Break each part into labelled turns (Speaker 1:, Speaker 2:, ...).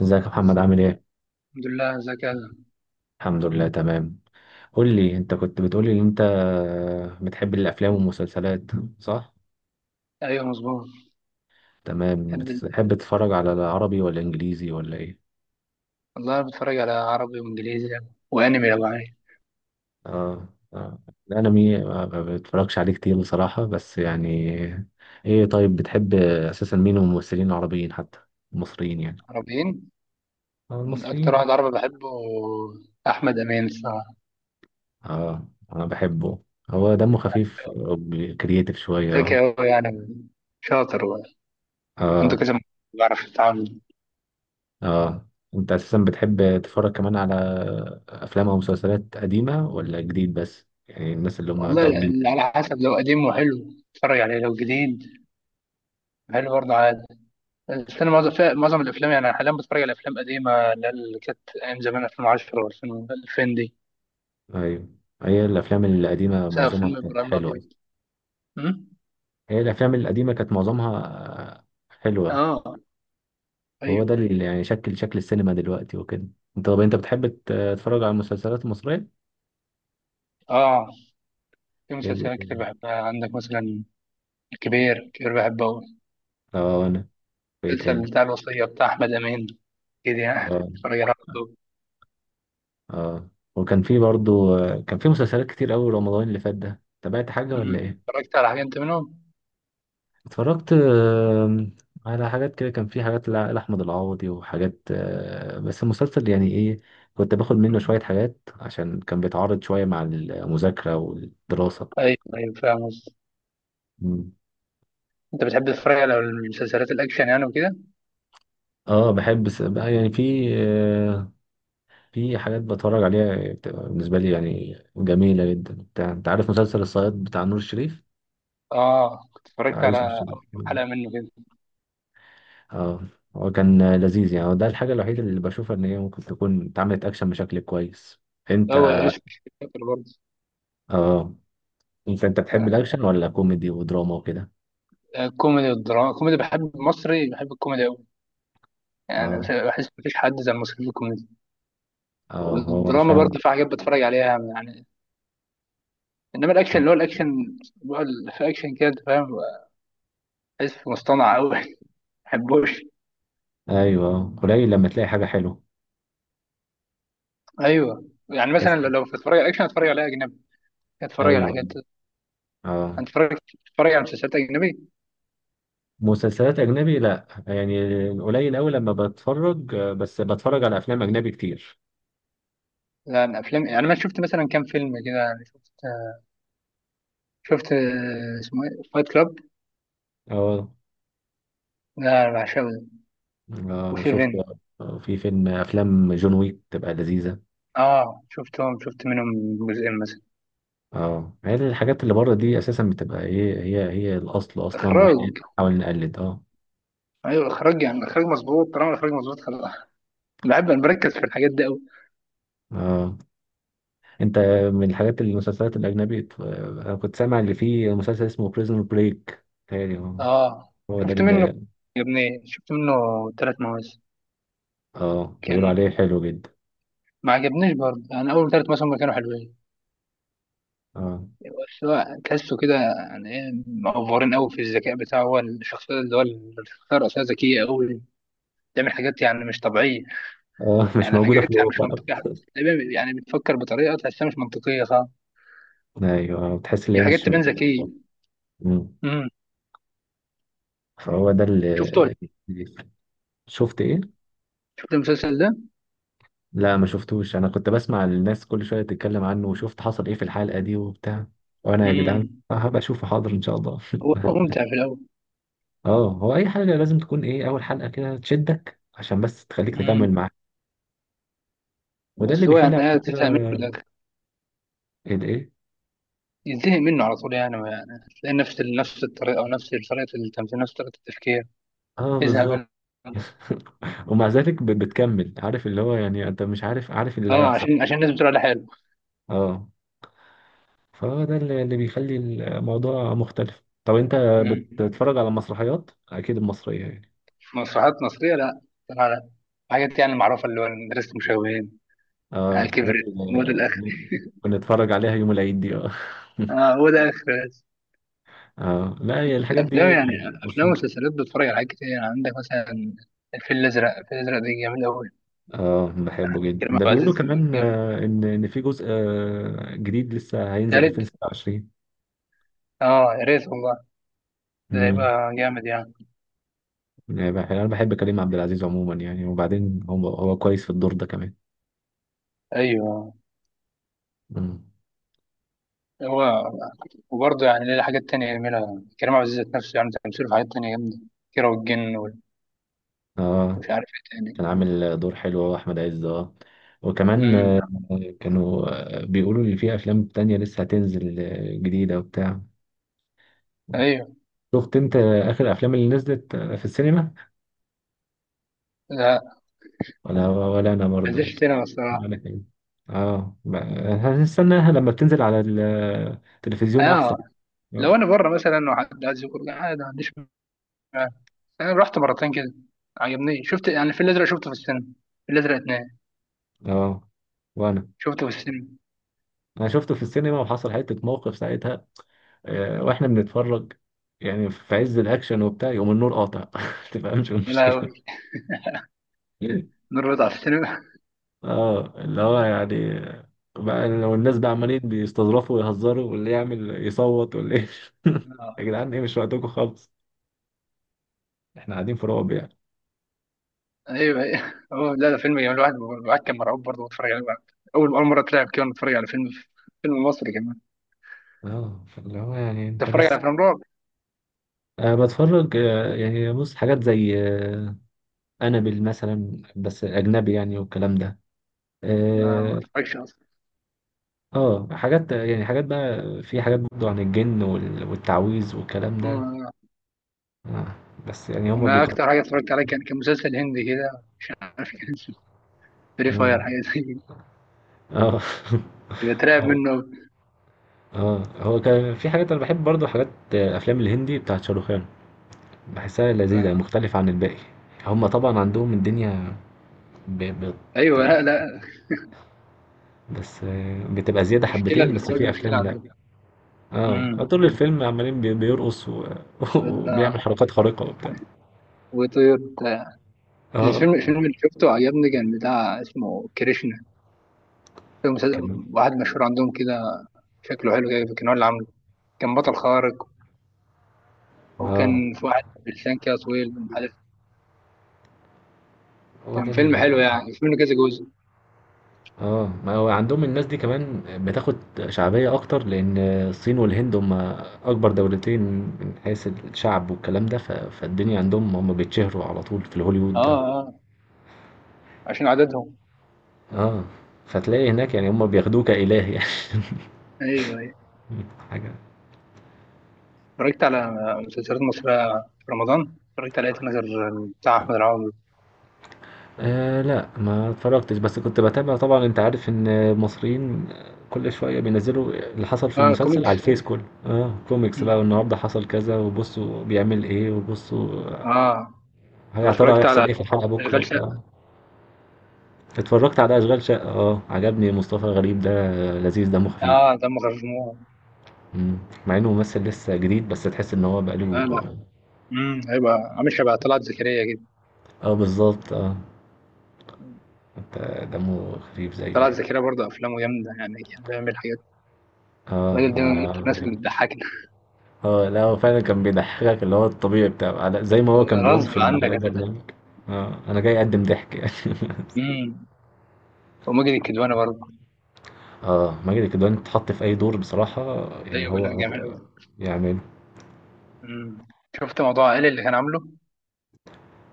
Speaker 1: ازيك يا محمد
Speaker 2: ازيك؟
Speaker 1: عامل ايه؟
Speaker 2: الحمد لله. ازيك يا أزهر؟
Speaker 1: الحمد لله تمام. قول لي، انت كنت بتقولي ان انت بتحب الافلام والمسلسلات، صح؟
Speaker 2: ايوه، مظبوط.
Speaker 1: تمام.
Speaker 2: بحب ال-
Speaker 1: بتحب تتفرج على العربي ولا انجليزي ولا ايه؟
Speaker 2: والله بتفرج على عربي وانجليزي يعني. وانمي لو عايز.
Speaker 1: اه، الانمي ما بتفرجش عليه كتير بصراحة، بس يعني ايه. طيب بتحب اساسا مين من الممثلين العربيين، حتى المصريين يعني.
Speaker 2: عربيين.
Speaker 1: اه،
Speaker 2: اكتر
Speaker 1: المصريين، اه.
Speaker 2: واحد عربي بحبه احمد امين الصراحه.
Speaker 1: اه انا بحبه، هو دمه خفيف وكرييتيف شوية.
Speaker 2: ذكي
Speaker 1: اه
Speaker 2: قوي يعني، شاطر و- عنده
Speaker 1: اه
Speaker 2: بيعرف يتعامل.
Speaker 1: اه انت اساسا بتحب تتفرج كمان على افلام او مسلسلات قديمه ولا جديد، بس يعني الناس اللي هم
Speaker 2: والله
Speaker 1: بتوع الجيل.
Speaker 2: ال- على حسب، لو قديم وحلو اتفرج عليه، لو جديد حلو برضه عادي. بس انا معظم الافلام يعني، أنا حاليا بتفرج على افلام قديمه، اللي هي اللي كانت ايام زمان 2010 و2000 دي.
Speaker 1: ايوه، هي الافلام القديمه
Speaker 2: مثلا
Speaker 1: معظمها
Speaker 2: فيلم
Speaker 1: كانت
Speaker 2: ابراهيم
Speaker 1: حلوه.
Speaker 2: الابيض. أمم؟
Speaker 1: هي الافلام القديمه كانت معظمها حلوه.
Speaker 2: اه.
Speaker 1: وهو ده
Speaker 2: أيوة.
Speaker 1: اللي يعني شكل السينما دلوقتي وكده. طب انت بتحب تتفرج على المسلسلات المصريه؟
Speaker 2: اه، في مسلسلات
Speaker 1: إيه-
Speaker 2: كتير بحبها، عندك مثلا الكبير كبير بحبه أوي.
Speaker 1: اه انا. في إيه تاني؟
Speaker 2: المسلسل بتاع الوصية بتاع أحمد أمين، كده يعني
Speaker 1: اه
Speaker 2: بتفرج على طول.
Speaker 1: اه. وكان في برضو كان في مسلسلات كتير قوي رمضان اللي فات ده، تابعت حاجه ولا ايه؟
Speaker 2: اتفرجت على حاجة أنت منهم؟
Speaker 1: اتفرجت على حاجات كده، كان في حاجات لأحمد العوضي وحاجات بس المسلسل يعني ايه، كنت باخد منه شوية حاجات عشان كان بيتعارض شوية مع المذاكرة والدراسة.
Speaker 2: أيوه أيوه، فاهم قصدي.
Speaker 1: مم.
Speaker 2: أنت بتحب تتفرج على المسلسلات الأكشن يعني وكده؟
Speaker 1: اه بحب بقى يعني في في حاجات بتفرج عليها بتبقى بالنسبة لي يعني جميلة جدا. انت عارف مسلسل الصياد بتاع نور الشريف،
Speaker 2: آه، كنت
Speaker 1: بتاع
Speaker 2: اتفرجت على
Speaker 1: يوسف الشريف.
Speaker 2: أول كام
Speaker 1: مم.
Speaker 2: حلقة منه كده.
Speaker 1: اه هو كان لذيذ يعني، هو ده الحاجة الوحيدة اللي بشوفها ان هي ممكن تكون اتعملت اكشن بشكل كويس. انت،
Speaker 2: هو إيش، فاكر برضه.
Speaker 1: اه، انت بتحب الاكشن ولا كوميدي ودراما وكده؟
Speaker 2: آه، كوميدي والدراما، كوميدي، بحب المصري، بحب الكوميدي أوي يعني.
Speaker 1: اه.
Speaker 2: بحس مفيش حد زي المصري في الكوميدي.
Speaker 1: اه هو
Speaker 2: والدراما
Speaker 1: فعلا.
Speaker 2: برضه في حاجات بتفرج عليها يعني. انما الاكشن، اللي هو الاكشن بقى، اللي في اكشن كده، انت فاهم، بحس مصطنع قوي. ما بحبوش.
Speaker 1: ايوه، قليل لما تلاقي حاجه حلوه.
Speaker 2: ايوه، يعني
Speaker 1: تحس.
Speaker 2: مثلا لو بتتفرج على اكشن اتفرج على اجنبي. اتفرج على
Speaker 1: ايوه،
Speaker 2: حاجات،
Speaker 1: اه.
Speaker 2: اتفرج اتفرج على مسلسلات اجنبي،
Speaker 1: مسلسلات اجنبي لا يعني قليل قوي لما بتفرج، بس بتفرج على افلام اجنبي كتير.
Speaker 2: يعني افلام. يعني انا شفت مثلا كام فيلم كده، يعني شفت اسمه ايه، فايت كلاب،
Speaker 1: اه
Speaker 2: لا بعشقه ده.
Speaker 1: اه. وشفت
Speaker 2: وسيفن.
Speaker 1: في فيلم، افلام جون ويك تبقى لذيذه.
Speaker 2: اه شفتهم، شفت منهم جزئين مثلا.
Speaker 1: اه، هي الحاجات اللي بره دي اساسا بتبقى ايه، هي الاصل اصلا، واحنا
Speaker 2: اخراج.
Speaker 1: بنحاول نقلد، اه.
Speaker 2: ايوه اخراج يعني، اخراج مظبوط، طالما الاخراج مظبوط خلاص. بحب انا بركز في الحاجات دي.
Speaker 1: اه انت، من الحاجات المسلسلات الاجنبي، انا كنت سامع اللي فيه مسلسل اسمه بريزون بريك، تهيألي هو
Speaker 2: اه،
Speaker 1: هو ده
Speaker 2: شفت منه،
Speaker 1: اللي.
Speaker 2: عجبني، شفت منه ثلاث مواسم.
Speaker 1: اه
Speaker 2: كان
Speaker 1: بيقولوا عليه حلو جدا.
Speaker 2: ما عجبنيش برضه يعني، اول ثلاث مواسم كانوا حلوين.
Speaker 1: اه
Speaker 2: بس هو تحسه كده، يعني ايه، مأفورين قوي في الذكاء بتاعه. هو الشخصيه، اللي هو الشخصيه الرئيسيه، ذكيه قوي. بتعمل حاجات يعني مش طبيعيه.
Speaker 1: اه، مش
Speaker 2: يعني
Speaker 1: موجوده في
Speaker 2: حاجات يعني مش
Speaker 1: الواقع.
Speaker 2: منطقيه تقريباً. يعني بتفكر بطريقه تحسها مش منطقيه، صح؟
Speaker 1: ايوه بتحس ان
Speaker 2: هي
Speaker 1: هي
Speaker 2: حاجات
Speaker 1: مش
Speaker 2: تبان
Speaker 1: موجوده في
Speaker 2: ذكيه.
Speaker 1: الواقع. مم.
Speaker 2: امم.
Speaker 1: فهو ده اللي
Speaker 2: شفته؟
Speaker 1: بيفرق. شفت ايه؟
Speaker 2: شفت المسلسل ده.
Speaker 1: لا ما شفتوش، انا كنت بسمع الناس كل شويه تتكلم عنه، وشفت حصل ايه في الحلقه دي وبتاع. وانا يا جدعان
Speaker 2: امم
Speaker 1: هبقى اشوفه، حاضر ان شاء الله.
Speaker 2: هو ممتع في الاول.
Speaker 1: اه هو اي حاجه لازم تكون ايه، اول حلقه كده تشدك عشان بس تخليك تكمل
Speaker 2: امم
Speaker 1: معاها. وده اللي
Speaker 2: بس هو
Speaker 1: بيخلي
Speaker 2: يعني
Speaker 1: على
Speaker 2: ايه،
Speaker 1: فكرة
Speaker 2: تفهم منه
Speaker 1: الايه.
Speaker 2: ينتهي منه على طول. يعني يعني تلاقي نفس الطريقه، او نفس طريقه التمثيل، نفس طريقه التفكير،
Speaker 1: اه
Speaker 2: يزهق
Speaker 1: بالظبط.
Speaker 2: منه.
Speaker 1: ومع ذلك بتكمل، عارف اللي هو يعني انت مش عارف، عارف اللي
Speaker 2: اه،
Speaker 1: هيحصل.
Speaker 2: عشان الناس بتقول عليه حلو.
Speaker 1: اه، فده اللي بيخلي الموضوع مختلف. طب انت
Speaker 2: مم.
Speaker 1: بتتفرج على مسرحيات اكيد المصرية يعني.
Speaker 2: مسرحيات مصريه لا. طلع لا، حاجات يعني معروفه اللي هو مدرسه المشاغبين.
Speaker 1: اه
Speaker 2: آه،
Speaker 1: الحاجات
Speaker 2: كبرت.
Speaker 1: اللي
Speaker 2: هو ده الاخر.
Speaker 1: بنتفرج عليها يوم العيد دي، اه.
Speaker 2: اه هو ده اخر.
Speaker 1: اه لا هي الحاجات دي
Speaker 2: افلام، يعني افلام
Speaker 1: مشهورة.
Speaker 2: ومسلسلات بتتفرج على حاجات كتير، يعني عندك مثلا الفيل الازرق. الفيل الازرق ده جامد قوي.
Speaker 1: اه بحبه جدا
Speaker 2: كريم
Speaker 1: ده،
Speaker 2: عبد
Speaker 1: بيقولوا
Speaker 2: العزيز.
Speaker 1: كمان
Speaker 2: جامد.
Speaker 1: ان في جزء جديد لسه هينزل
Speaker 2: تالت.
Speaker 1: 2026.
Speaker 2: اه يا ريت والله، ده
Speaker 1: امم
Speaker 2: هيبقى جامد يعني.
Speaker 1: يعني انا بحب كريم عبد العزيز عموما يعني، وبعدين هو كويس في الدور ده كمان.
Speaker 2: ايوه.
Speaker 1: مم.
Speaker 2: هو وبرضه يعني ليه حاجات تانية جميلة. كريم عبد العزيز ذات نفسه، يعني تمثيله في حاجات تانية جامدة. كيرة والجن، ومش
Speaker 1: اه
Speaker 2: عارف ايه تاني.
Speaker 1: كان عامل دور حلو هو، احمد عز، اه. وكمان
Speaker 2: امم.
Speaker 1: كانوا بيقولوا لي في افلام تانية لسه هتنزل جديدة وبتاع.
Speaker 2: ايوه.
Speaker 1: شفت انت اخر الافلام اللي نزلت في السينما؟
Speaker 2: لا،
Speaker 1: ولا، ولا انا برضو
Speaker 2: مفيش سينما الصراحة.
Speaker 1: ولا كده. اه هنستناها لما بتنزل على التلفزيون احسن.
Speaker 2: اه، لو
Speaker 1: اه.
Speaker 2: انا بره مثلا وحد عايز يخرج عادي، ما عنديش مانع. انا رحت مرتين كده، عجبني. شفت يعني في الازرق، شفته في السينما. في الازرق اتنين
Speaker 1: آه. وانا،
Speaker 2: شفته في السينما.
Speaker 1: انا شفته في السينما وحصل حتة موقف ساعتها، واحنا بنتفرج يعني في عز الاكشن وبتاع، يقوم النور قاطع. ما تفهمش إيه
Speaker 2: يا
Speaker 1: المشكله.
Speaker 2: لهوي، نور رضا على السينما.
Speaker 1: اه اللي هو يعني بقى لو الناس بقى عمالين بيستظرفوا ويهزروا، واللي يعمل يصوت واللي يا
Speaker 2: آه.
Speaker 1: جدعان ايه، مش وقتكم خالص، احنا قاعدين في رعب يعني.
Speaker 2: ايوه ايوه. هو لا، ده فيلم جميل. الواحد، الواحد كان مرعوب برضه بيتفرج عليه. اول، اول مرة اترعب كده وأنا بتفرج على فيلم مصري كمان.
Speaker 1: اه فاللي هو يعني انت
Speaker 2: تتفرج
Speaker 1: بس.
Speaker 2: على افلام رعب؟
Speaker 1: أه بتفرج، يعني بص حاجات زي أنابل مثلا، بس أجنبي يعني والكلام ده.
Speaker 2: أنا ما
Speaker 1: آه،
Speaker 2: بتفرجش اصلا.
Speaker 1: اه حاجات يعني، حاجات بقى، في حاجات برضه عن الجن والتعويذ والكلام ده.
Speaker 2: أنا
Speaker 1: آه. بس يعني هما
Speaker 2: أنا
Speaker 1: بيقطعوا.
Speaker 2: أكتر حاجة اتفرجت عليها، كان مسلسل هندي كده، مش عارف كان اسمه فري
Speaker 1: اه.
Speaker 2: فاير، حاجة زي كده. كنت بترعب
Speaker 1: اه
Speaker 2: منه أوي.
Speaker 1: اه هو كان في حاجات انا بحب برضه، حاجات افلام الهندي بتاعت شاروخان، بحسها لذيذة
Speaker 2: آه.
Speaker 1: مختلفة عن الباقي. هما طبعا عندهم الدنيا ب... ب...
Speaker 2: أيوه، لا لا،
Speaker 1: بس بتبقى زيادة
Speaker 2: مشكلة
Speaker 1: حبتين، بس
Speaker 2: الإخراج،
Speaker 1: في
Speaker 2: مشكلة
Speaker 1: افلام لا.
Speaker 2: عندك.
Speaker 1: اه
Speaker 2: امم.
Speaker 1: طول الفيلم عمالين بيرقص و... وبيعمل
Speaker 2: آه.
Speaker 1: حركات خارقة وبتاع.
Speaker 2: وطير بتاع.
Speaker 1: اه.
Speaker 2: الفيلم اللي شفته عجبني، كان بتاع اسمه كريشنا. فيلم، مسلسل،
Speaker 1: كان
Speaker 2: واحد مشهور عندهم كده. شكله حلو كده، كان هو اللي عامله. كان بطل خارق.
Speaker 1: اه
Speaker 2: وكان في واحد بلسان كده طويل، مش عارف.
Speaker 1: هو
Speaker 2: كان
Speaker 1: ده.
Speaker 2: فيلم حلو يعني، في منه كذا جزء.
Speaker 1: اه ما هو عندهم الناس دي كمان بتاخد شعبية أكتر، لأن الصين والهند هم أكبر دولتين من حيث الشعب والكلام ده، فالدنيا عندهم هم بيتشهروا على طول في الهوليوود
Speaker 2: اه
Speaker 1: ده.
Speaker 2: اه، عشان عددهم.
Speaker 1: اه فتلاقي هناك يعني هم بياخدوه كإله يعني.
Speaker 2: ايوه. أيوة.
Speaker 1: حاجة.
Speaker 2: اتفرجت على مسلسلات مصرية. في رمضان اتفرجت على ايه نظر، بتاع أحمد العوضي.
Speaker 1: آه لا ما اتفرجتش، بس كنت بتابع طبعا، انت عارف ان المصريين كل شوية بينزلوا اللي حصل في
Speaker 2: اه،
Speaker 1: المسلسل
Speaker 2: كوميكس.
Speaker 1: على الفيس، كله اه كوميكس بقى،
Speaker 2: مم.
Speaker 1: والنهاردة حصل كذا وبصوا بيعمل ايه وبصوا
Speaker 2: اه. طب
Speaker 1: يا ترى
Speaker 2: اتفرجت
Speaker 1: هيحصل
Speaker 2: على
Speaker 1: ايه في الحلقة بكرة
Speaker 2: أشغال
Speaker 1: وبتاع.
Speaker 2: شقة.
Speaker 1: اتفرجت على أشغال شقة، اه عجبني مصطفى غريب ده، لذيذ دمه خفيف.
Speaker 2: اه دمه خفيف موت.
Speaker 1: مم. مع انه ممثل لسه جديد، بس تحس ان هو بقاله
Speaker 2: لا
Speaker 1: اه.
Speaker 2: لا. هيبقى عامل شبه طلعت زكريا كده.
Speaker 1: آه، بالظبط، اه. انت، دمه خفيف زيه
Speaker 2: طلعت
Speaker 1: يعني.
Speaker 2: زكريا برضه أفلامه جامدة يعني، كان بيعمل حاجات.
Speaker 1: اه
Speaker 2: الراجل ده من
Speaker 1: انا
Speaker 2: الناس اللي
Speaker 1: بحب.
Speaker 2: بتضحكنا.
Speaker 1: اه لا هو فعلا كان بيضحكك، اللي هو الطبيعي بتاعه، زي ما هو كان بيقول
Speaker 2: غصب
Speaker 1: في
Speaker 2: عنك هتضحك.
Speaker 1: البرنامج اه انا جاي اقدم ضحك يعني.
Speaker 2: امم. وماجد الكدواني برضه.
Speaker 1: اه ماجد الكدواني اتحط في اي دور بصراحة يعني،
Speaker 2: ايوه،
Speaker 1: هو
Speaker 2: لا جامد
Speaker 1: هو
Speaker 2: أوي.
Speaker 1: يعمل.
Speaker 2: امم. شفت موضوع عائلي اللي كان عامله.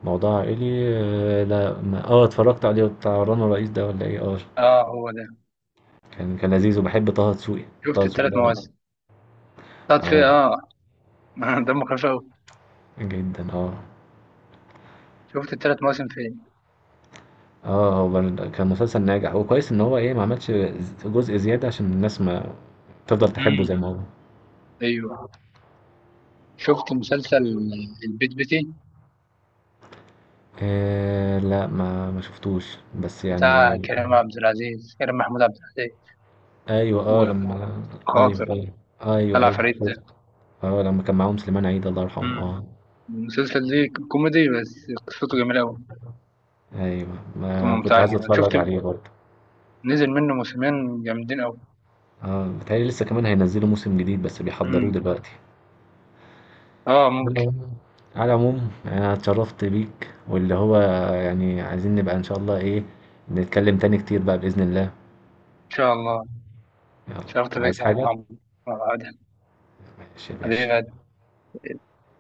Speaker 1: موضوع عائلي. آه، لا ما- اه اتفرجت عليه، بتاع رنا رئيس ده ولا ايه؟ اه.
Speaker 2: اه هو ده.
Speaker 1: كان لذيذ، وباحب طه دسوقي. طه
Speaker 2: شفت
Speaker 1: دسوقي
Speaker 2: الثلاث
Speaker 1: ده،
Speaker 2: مواسم، طلعت فيه
Speaker 1: اه،
Speaker 2: اه. دمه خفيف أوي.
Speaker 1: جدا، اه.
Speaker 2: شفت الثلاث مواسم فين؟
Speaker 1: اه هو كان مسلسل ناجح، وكويس ان هو ايه، ما عملش جزء زيادة عشان الناس ما تفضل تحبه زي
Speaker 2: امم.
Speaker 1: ما هو.
Speaker 2: ايوه. شفت مسلسل البيت بيتي،
Speaker 1: آه لا ما شفتوش بس يعني.
Speaker 2: بتاع كريم عبد العزيز، كريم محمود عبد العزيز،
Speaker 1: ايوه اه لما. ايوه
Speaker 2: وخاطر.
Speaker 1: ايوه ايوه
Speaker 2: طلع
Speaker 1: ايوه
Speaker 2: فريد
Speaker 1: شفت.
Speaker 2: ده.
Speaker 1: اه لما كان معاهم سليمان عيد الله يرحمه،
Speaker 2: امم.
Speaker 1: اه.
Speaker 2: المسلسل ده كوميدي، بس قصته جميلة أوي.
Speaker 1: ايوه
Speaker 2: قصته
Speaker 1: ما كنت
Speaker 2: ممتعة كده.
Speaker 1: عايز
Speaker 2: أنا
Speaker 1: اتفرج
Speaker 2: شفت
Speaker 1: عليه برضه.
Speaker 2: نزل منه موسمين جامدين أوي.
Speaker 1: اه بتهيألي لسه كمان هينزلوا موسم جديد بس بيحضروه
Speaker 2: امم.
Speaker 1: دلوقتي.
Speaker 2: اه
Speaker 1: على
Speaker 2: ممكن.
Speaker 1: العموم على العموم، انا اتشرفت بيك، واللي هو يعني عايزين نبقى ان شاء الله ايه نتكلم تاني كتير بقى بإذن الله.
Speaker 2: إن شاء الله.
Speaker 1: يلا.
Speaker 2: شرفت
Speaker 1: عايز
Speaker 2: بك يا
Speaker 1: حاجة؟
Speaker 2: عمرو. آه، عادل.
Speaker 1: ماشي يا باشا.
Speaker 2: حبيبي.